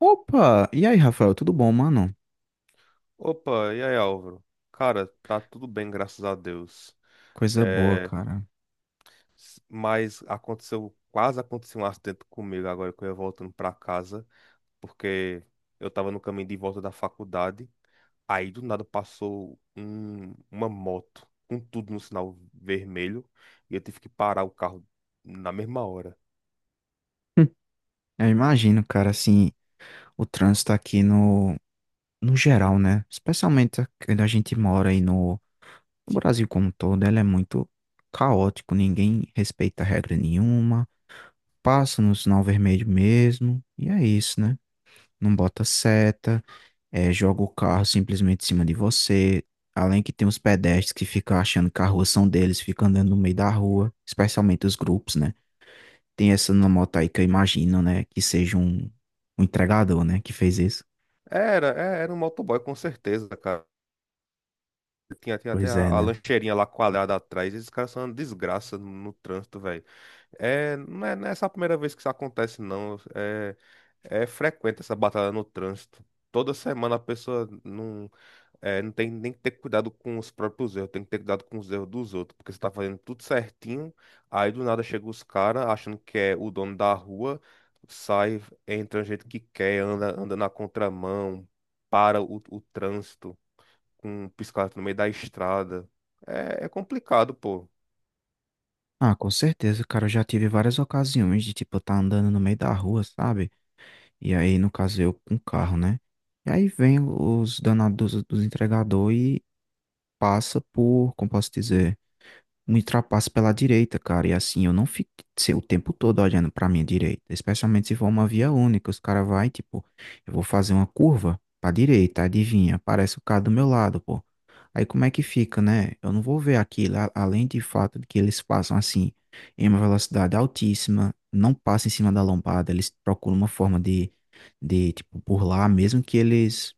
Opa! E aí, Rafael, tudo bom, mano? Opa, e aí, Álvaro? Cara, tá tudo bem, graças a Deus. Coisa boa, É, cara. Mas aconteceu, quase aconteceu um acidente comigo agora que eu ia voltando pra casa, porque eu tava no caminho de volta da faculdade, aí do nada passou uma moto com tudo no sinal vermelho e eu tive que parar o carro na mesma hora. Hum, Eu imagino, cara, assim, o trânsito aqui no, no geral, né? Especialmente quando a gente mora aí no, no Brasil como um todo, ele é muito caótico, ninguém respeita regra nenhuma, passa no sinal vermelho mesmo, e é isso, né? Não bota seta, joga o carro simplesmente em cima de você. Além que tem os pedestres que ficam achando que a rua são deles, ficam andando no meio da rua, especialmente os grupos, né? Tem essa na moto aí que eu imagino, né? Que seja um entregador, né? Que fez isso. Era, era um motoboy com certeza, cara. Tinha até Pois a, é, a né? lancheirinha lá coalhada atrás, esses caras são uma desgraça no trânsito, velho. É, não é só a primeira vez que isso acontece, não. É frequente essa batalha no trânsito. Toda semana a pessoa não tem nem que ter cuidado com os próprios erros, tem que ter cuidado com os erros dos outros, porque você tá fazendo tudo certinho, aí do nada chega os caras achando que é o dono da rua, sai, entra do jeito que quer, anda, anda na contramão, para o trânsito com um piscar no meio da estrada. É, é complicado, pô. Ah, com certeza, cara. Eu já tive várias ocasiões de, tipo, eu tá andando no meio da rua, sabe? E aí, no caso, eu com carro, né? E aí vem os danados dos entregador e passa por, como posso dizer, me ultrapassa pela direita, cara. E assim, eu não fico o tempo todo olhando pra minha direita. Especialmente se for uma via única. Os caras vai, tipo, eu vou fazer uma curva pra direita, adivinha? Aparece o cara do meu lado, pô. Aí como é que fica, né? Eu não vou ver aquilo, além de fato de que eles passam assim, em uma velocidade altíssima, não passam em cima da lombada, eles procuram uma forma de tipo, burlar, mesmo que eles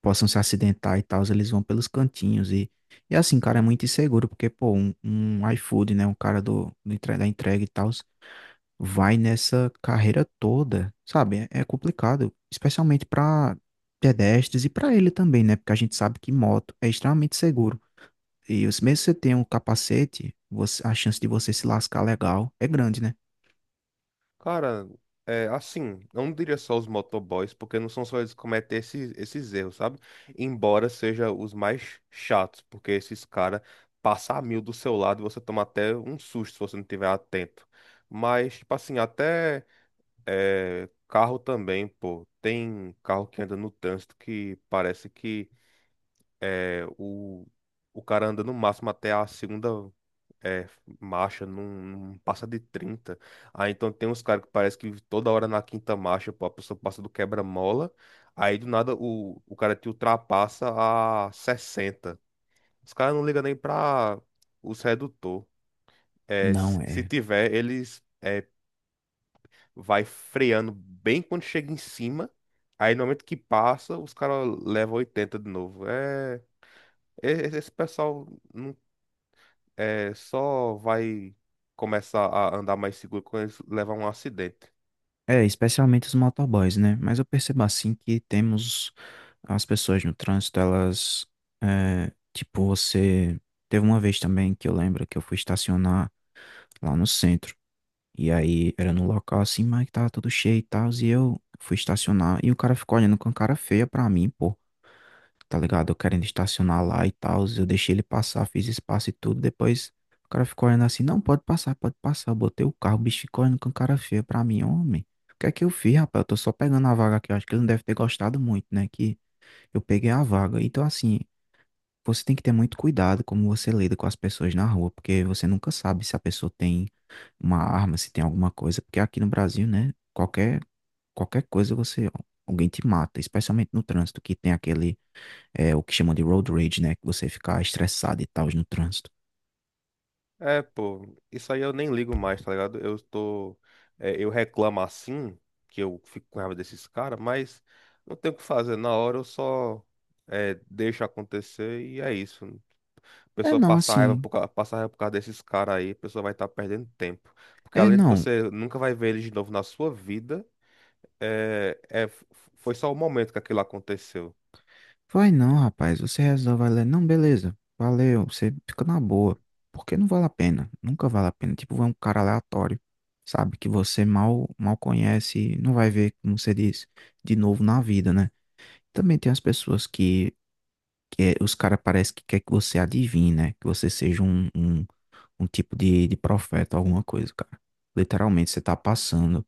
possam se acidentar e tal, eles vão pelos cantinhos e assim, cara, é muito inseguro, porque, pô, um iFood, né, um cara do, da entrega e tal, vai nessa carreira toda, sabe? É, é complicado, especialmente pra pedestres e pra ele também, né? Porque a gente sabe que moto é extremamente seguro. Mesmo se você tem um capacete, a chance de você se lascar legal é grande, né? Cara, eu não diria só os motoboys, porque não são só eles que cometem esses erros, sabe? Embora seja os mais chatos, porque esses caras passam a mil do seu lado e você toma até um susto se você não estiver atento. Mas, tipo assim, até carro também, pô. Tem carro que anda no trânsito que parece que é, o, o cara anda no máximo até a segunda. É, marcha não passa de 30. Aí então tem uns caras que parece que toda hora na quinta marcha, pô, a pessoa passa do quebra-mola. Aí do nada o cara te ultrapassa a 60. Os caras não ligam nem pra os redutor. Não se é. tiver, eles vai freando bem quando chega em cima. Aí no momento que passa, os caras levam 80 de novo. Esse pessoal não só vai começar a andar mais seguro quando eles levar um acidente. É, especialmente os motoboys, né? Mas eu percebo assim que temos as pessoas no trânsito, elas. É, tipo, você. Teve uma vez também que eu lembro que eu fui estacionar lá no centro. E aí era no local assim, mas que tava tudo cheio e tal. E eu fui estacionar e o cara ficou olhando com cara feia pra mim, pô. Tá ligado? Eu querendo estacionar lá e tal. Eu deixei ele passar, fiz espaço e tudo. Depois o cara ficou olhando assim: não, pode passar, pode passar. Eu botei o carro, o bicho ficou olhando com cara feia pra mim, homem. O que é que eu fiz, rapaz? Eu tô só pegando a vaga aqui. Eu acho que ele não deve ter gostado muito, né? Que eu peguei a vaga. Então, assim, você tem que ter muito cuidado como você lida com as pessoas na rua, porque você nunca sabe se a pessoa tem uma arma, se tem alguma coisa. Porque aqui no Brasil, né? Qualquer coisa você. Alguém te mata, especialmente no trânsito, que tem aquele é o que chamam de road rage, né? Que você ficar estressado e tal no trânsito. É, pô, isso aí eu nem ligo mais, tá ligado? Eu reclamo assim, que eu fico com raiva desses caras, mas não tem o que fazer. Na hora eu só deixo acontecer e é isso. A É pessoa não, passar raiva assim. por passar raiva por causa desses caras aí, a pessoa vai estar perdendo tempo. Porque É além de que não. você nunca vai ver eles de novo na sua vida, é, é, f- foi só o momento que aquilo aconteceu. Vai não, rapaz. Você resolve, vai lá. Não, beleza. Valeu. Você fica na boa. Porque não vale a pena. Nunca vale a pena. Tipo, vai um cara aleatório, sabe? Que você mal conhece. Não vai ver, como você diz, de novo na vida, né? Também tem as pessoas que, os caras parece que quer que você adivinhe, né? Que você seja um tipo de profeta, alguma coisa, cara. Literalmente, você tá passando.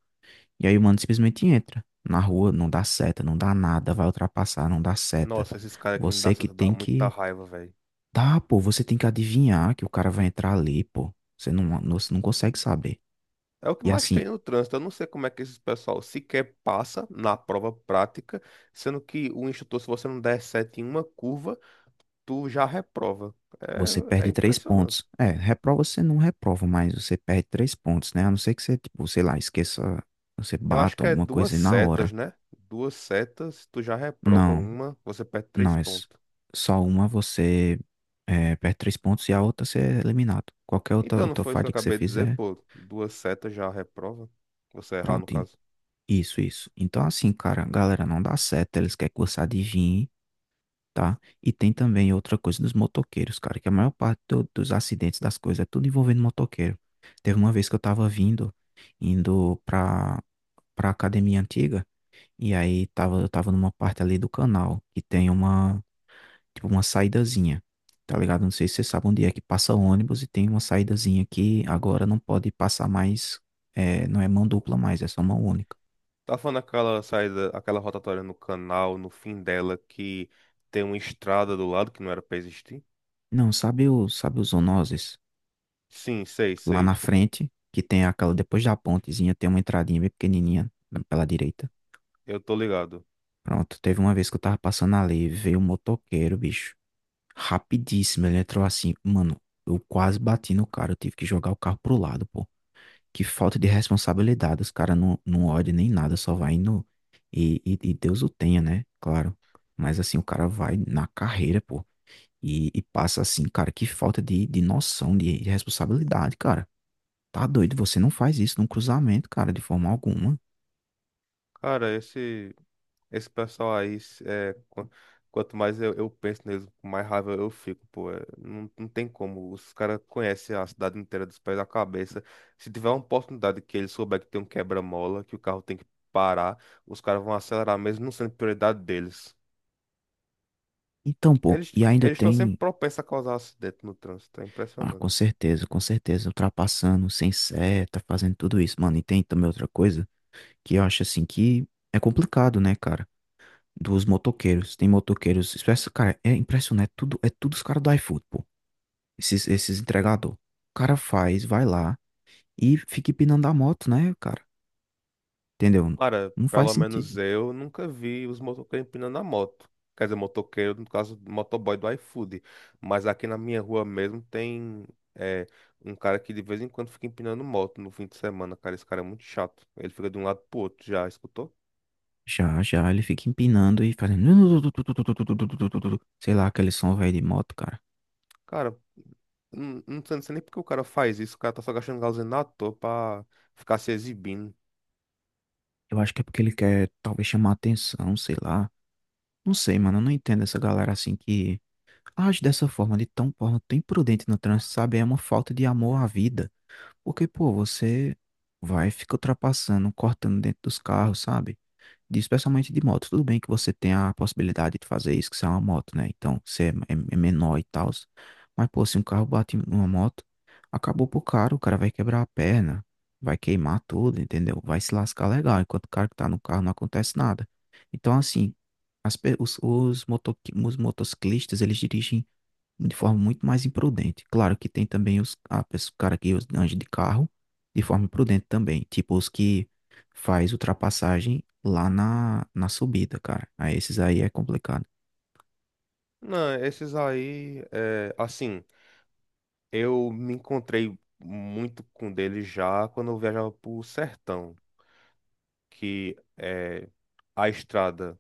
E aí o mano simplesmente entra na rua, não dá seta, não dá nada, vai ultrapassar, não dá seta. Nossa, esses caras que não dá Você que certo dá tem muita que. raiva, velho. Tá, pô, você tem que adivinhar que o cara vai entrar ali, pô. Você você não consegue saber. É o que E mais tem assim, no trânsito. Eu não sei como é que esses pessoal sequer passa na prova prática, sendo que o instrutor, se você não der sete em uma curva, tu já reprova. você É, é perde três impressionante. pontos. É, reprova você não reprova, mas você perde três pontos, né? A não ser que você, tipo, sei lá, esqueça, você Eu acho bata que é alguma duas coisa e na hora. setas, né? Duas setas, tu já reprova. Não, Uma, você perde três não, é s- pontos. só uma você é, perde três pontos e a outra você é eliminado. Qualquer Então, não outra foi isso que eu falha que você acabei de dizer, fizer, pô? Duas setas já reprova. Você errar, no pronto, caso. isso, isso. Então, assim, cara, galera, não dá certo. Eles querem que você adivinhe, tá? E tem também outra coisa dos motoqueiros, cara, que a maior parte dos acidentes, das coisas, é tudo envolvendo motoqueiro. Teve uma vez que eu tava vindo, indo pra academia antiga, e aí tava, eu tava numa parte ali do canal, que tem uma, tipo, uma saídazinha, tá ligado? Não sei se você sabe onde é que passa ônibus e tem uma saídazinha que agora não pode passar mais, é, não é mão dupla mais, é só mão única. Tá falando aquela saída, aquela rotatória no canal, no fim dela, que tem uma estrada do lado que não era pra existir? Não, sabe o, sabe os Zonoses? Sim, sei, Lá sei. na frente, que tem aquela, depois da pontezinha, tem uma entradinha bem pequenininha pela direita. Eu tô ligado. Pronto, teve uma vez que eu tava passando ali, veio um motoqueiro, bicho. Rapidíssimo, ele entrou assim, mano, eu quase bati no cara, eu tive que jogar o carro pro lado, pô. Que falta de responsabilidade, os caras não olham nem nada, só vai indo. E Deus o tenha, né? Claro. Mas assim, o cara vai na carreira, pô. E passa assim, cara, que falta de noção, de responsabilidade, cara. Tá doido, você não faz isso num cruzamento, cara, de forma alguma. Cara, esse pessoal aí, quanto mais eu penso neles, mais raiva eu fico, pô. É, não, não tem como. Os caras conhecem a cidade inteira dos pés da cabeça. Se tiver uma oportunidade que eles souber que tem um quebra-mola, que o carro tem que parar, os caras vão acelerar mesmo não sendo prioridade deles. Então, pô, Eles e ainda eles estão sempre tem. propensos a causar acidente no trânsito, é Ah, impressionante. Com certeza, ultrapassando, sem seta, fazendo tudo isso, mano. E tem também outra coisa que eu acho assim que é complicado, né, cara? Dos motoqueiros. Tem motoqueiros. Cara, é impressionante. É tudo, tudo os caras do iFood, pô. Esses entregador. O cara faz, vai lá e fica empinando a moto, né, cara? Entendeu? Cara, Não faz pelo menos sentido. eu nunca vi os motoqueiros empinando a moto. Quer dizer, motoqueiro, no caso, motoboy do iFood. Mas aqui na minha rua mesmo tem é, um cara que de vez em quando fica empinando moto no fim de semana, cara. Esse cara é muito chato. Ele fica de um lado pro outro, já escutou? Já, ele fica empinando e fazendo. Sei lá, aquele som velho de moto, cara. Cara, não sei nem porque o cara faz isso. O cara tá só gastando gasolina à toa pra ficar se exibindo. Eu acho que é porque ele quer talvez chamar atenção, sei lá. Não sei, mano, eu não entendo essa galera assim que age dessa forma, de tão forma tão imprudente no trânsito, sabe? É uma falta de amor à vida. Porque, pô, você vai e fica ultrapassando, cortando dentro dos carros, sabe? Especialmente de moto. Tudo bem que você tem a possibilidade de fazer isso, que você é uma moto, né? Então, é menor e tal. Mas, pô, se um carro bate em uma moto, acabou pro cara, o cara vai quebrar a perna, vai queimar tudo, entendeu? Vai se lascar legal, enquanto o cara que tá no carro não acontece nada. Então, assim, as pe- os, moto, os motociclistas, eles dirigem de forma muito mais imprudente. Claro que tem também os a pessoa, o cara que anda de carro de forma imprudente também, tipo os que faz ultrapassagem na subida, cara. Aí esses aí é complicado. Não, esses aí, é, assim. Eu me encontrei muito com dele já quando eu viajava pro sertão, que é, a estrada,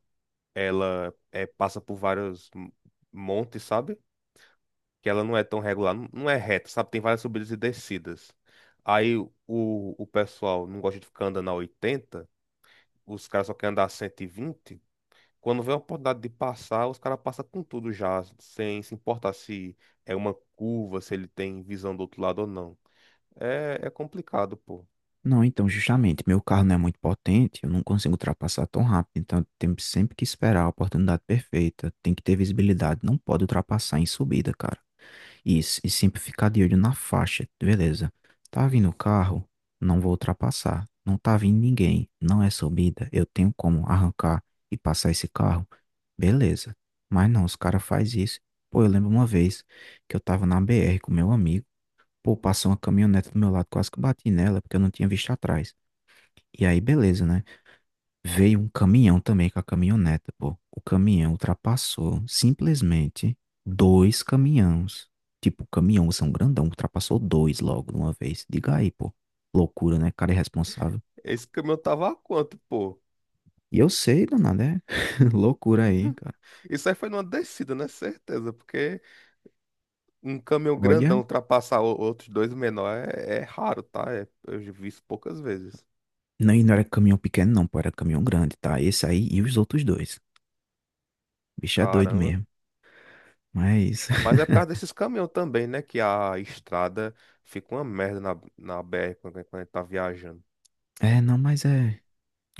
ela passa por vários montes, sabe? Que ela não é tão regular, não é reta, sabe? Tem várias subidas e descidas. Aí o pessoal não gosta de ficar andando a 80, os caras só querem andar a 120. Quando vê a oportunidade de passar, os caras passam com tudo já, sem se importar se é uma curva, se ele tem visão do outro lado ou não. É, é complicado, pô. Não, então justamente, meu carro não é muito potente, eu não consigo ultrapassar tão rápido, então temos sempre que esperar a oportunidade perfeita, tem que ter visibilidade, não pode ultrapassar em subida, cara. Isso, e sempre ficar de olho na faixa, beleza. Tá vindo o carro, não vou ultrapassar. Não tá vindo ninguém, não é subida, eu tenho como arrancar e passar esse carro, beleza. Mas não, os caras fazem isso. Pô, eu lembro uma vez que eu tava na BR com meu amigo, pô, passou uma caminhonete do meu lado, quase que eu bati nela, porque eu não tinha visto atrás. E aí, beleza, né? Veio um caminhão também com a caminhoneta, pô. O caminhão ultrapassou simplesmente dois caminhões. Tipo, o caminhão são grandão, ultrapassou dois logo de uma vez. Diga aí, pô. Loucura, né? Cara irresponsável. Esse caminhão tava a quanto, pô? E eu sei, danado, é loucura aí, cara. Isso aí foi numa descida, né? Certeza, porque um caminhão grandão Olha, ultrapassar outros dois menor é raro, tá? Eu já vi isso poucas vezes. não, e não era caminhão pequeno, não, pô, era caminhão grande, tá? Esse aí e os outros dois. O bicho é doido Caramba. mesmo. Mas, Mas é por causa desses caminhões também, né? Que a estrada fica uma merda na BR quando, quando a gente tá viajando. é, não, mas é,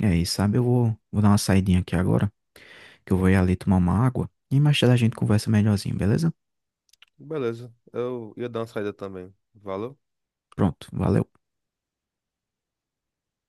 é isso, sabe? Vou dar uma saidinha aqui agora, que eu vou ir ali tomar uma água. E mais tarde a gente conversa melhorzinho, beleza? Beleza, eu ia dar uma saída também. Valeu? Pronto, valeu.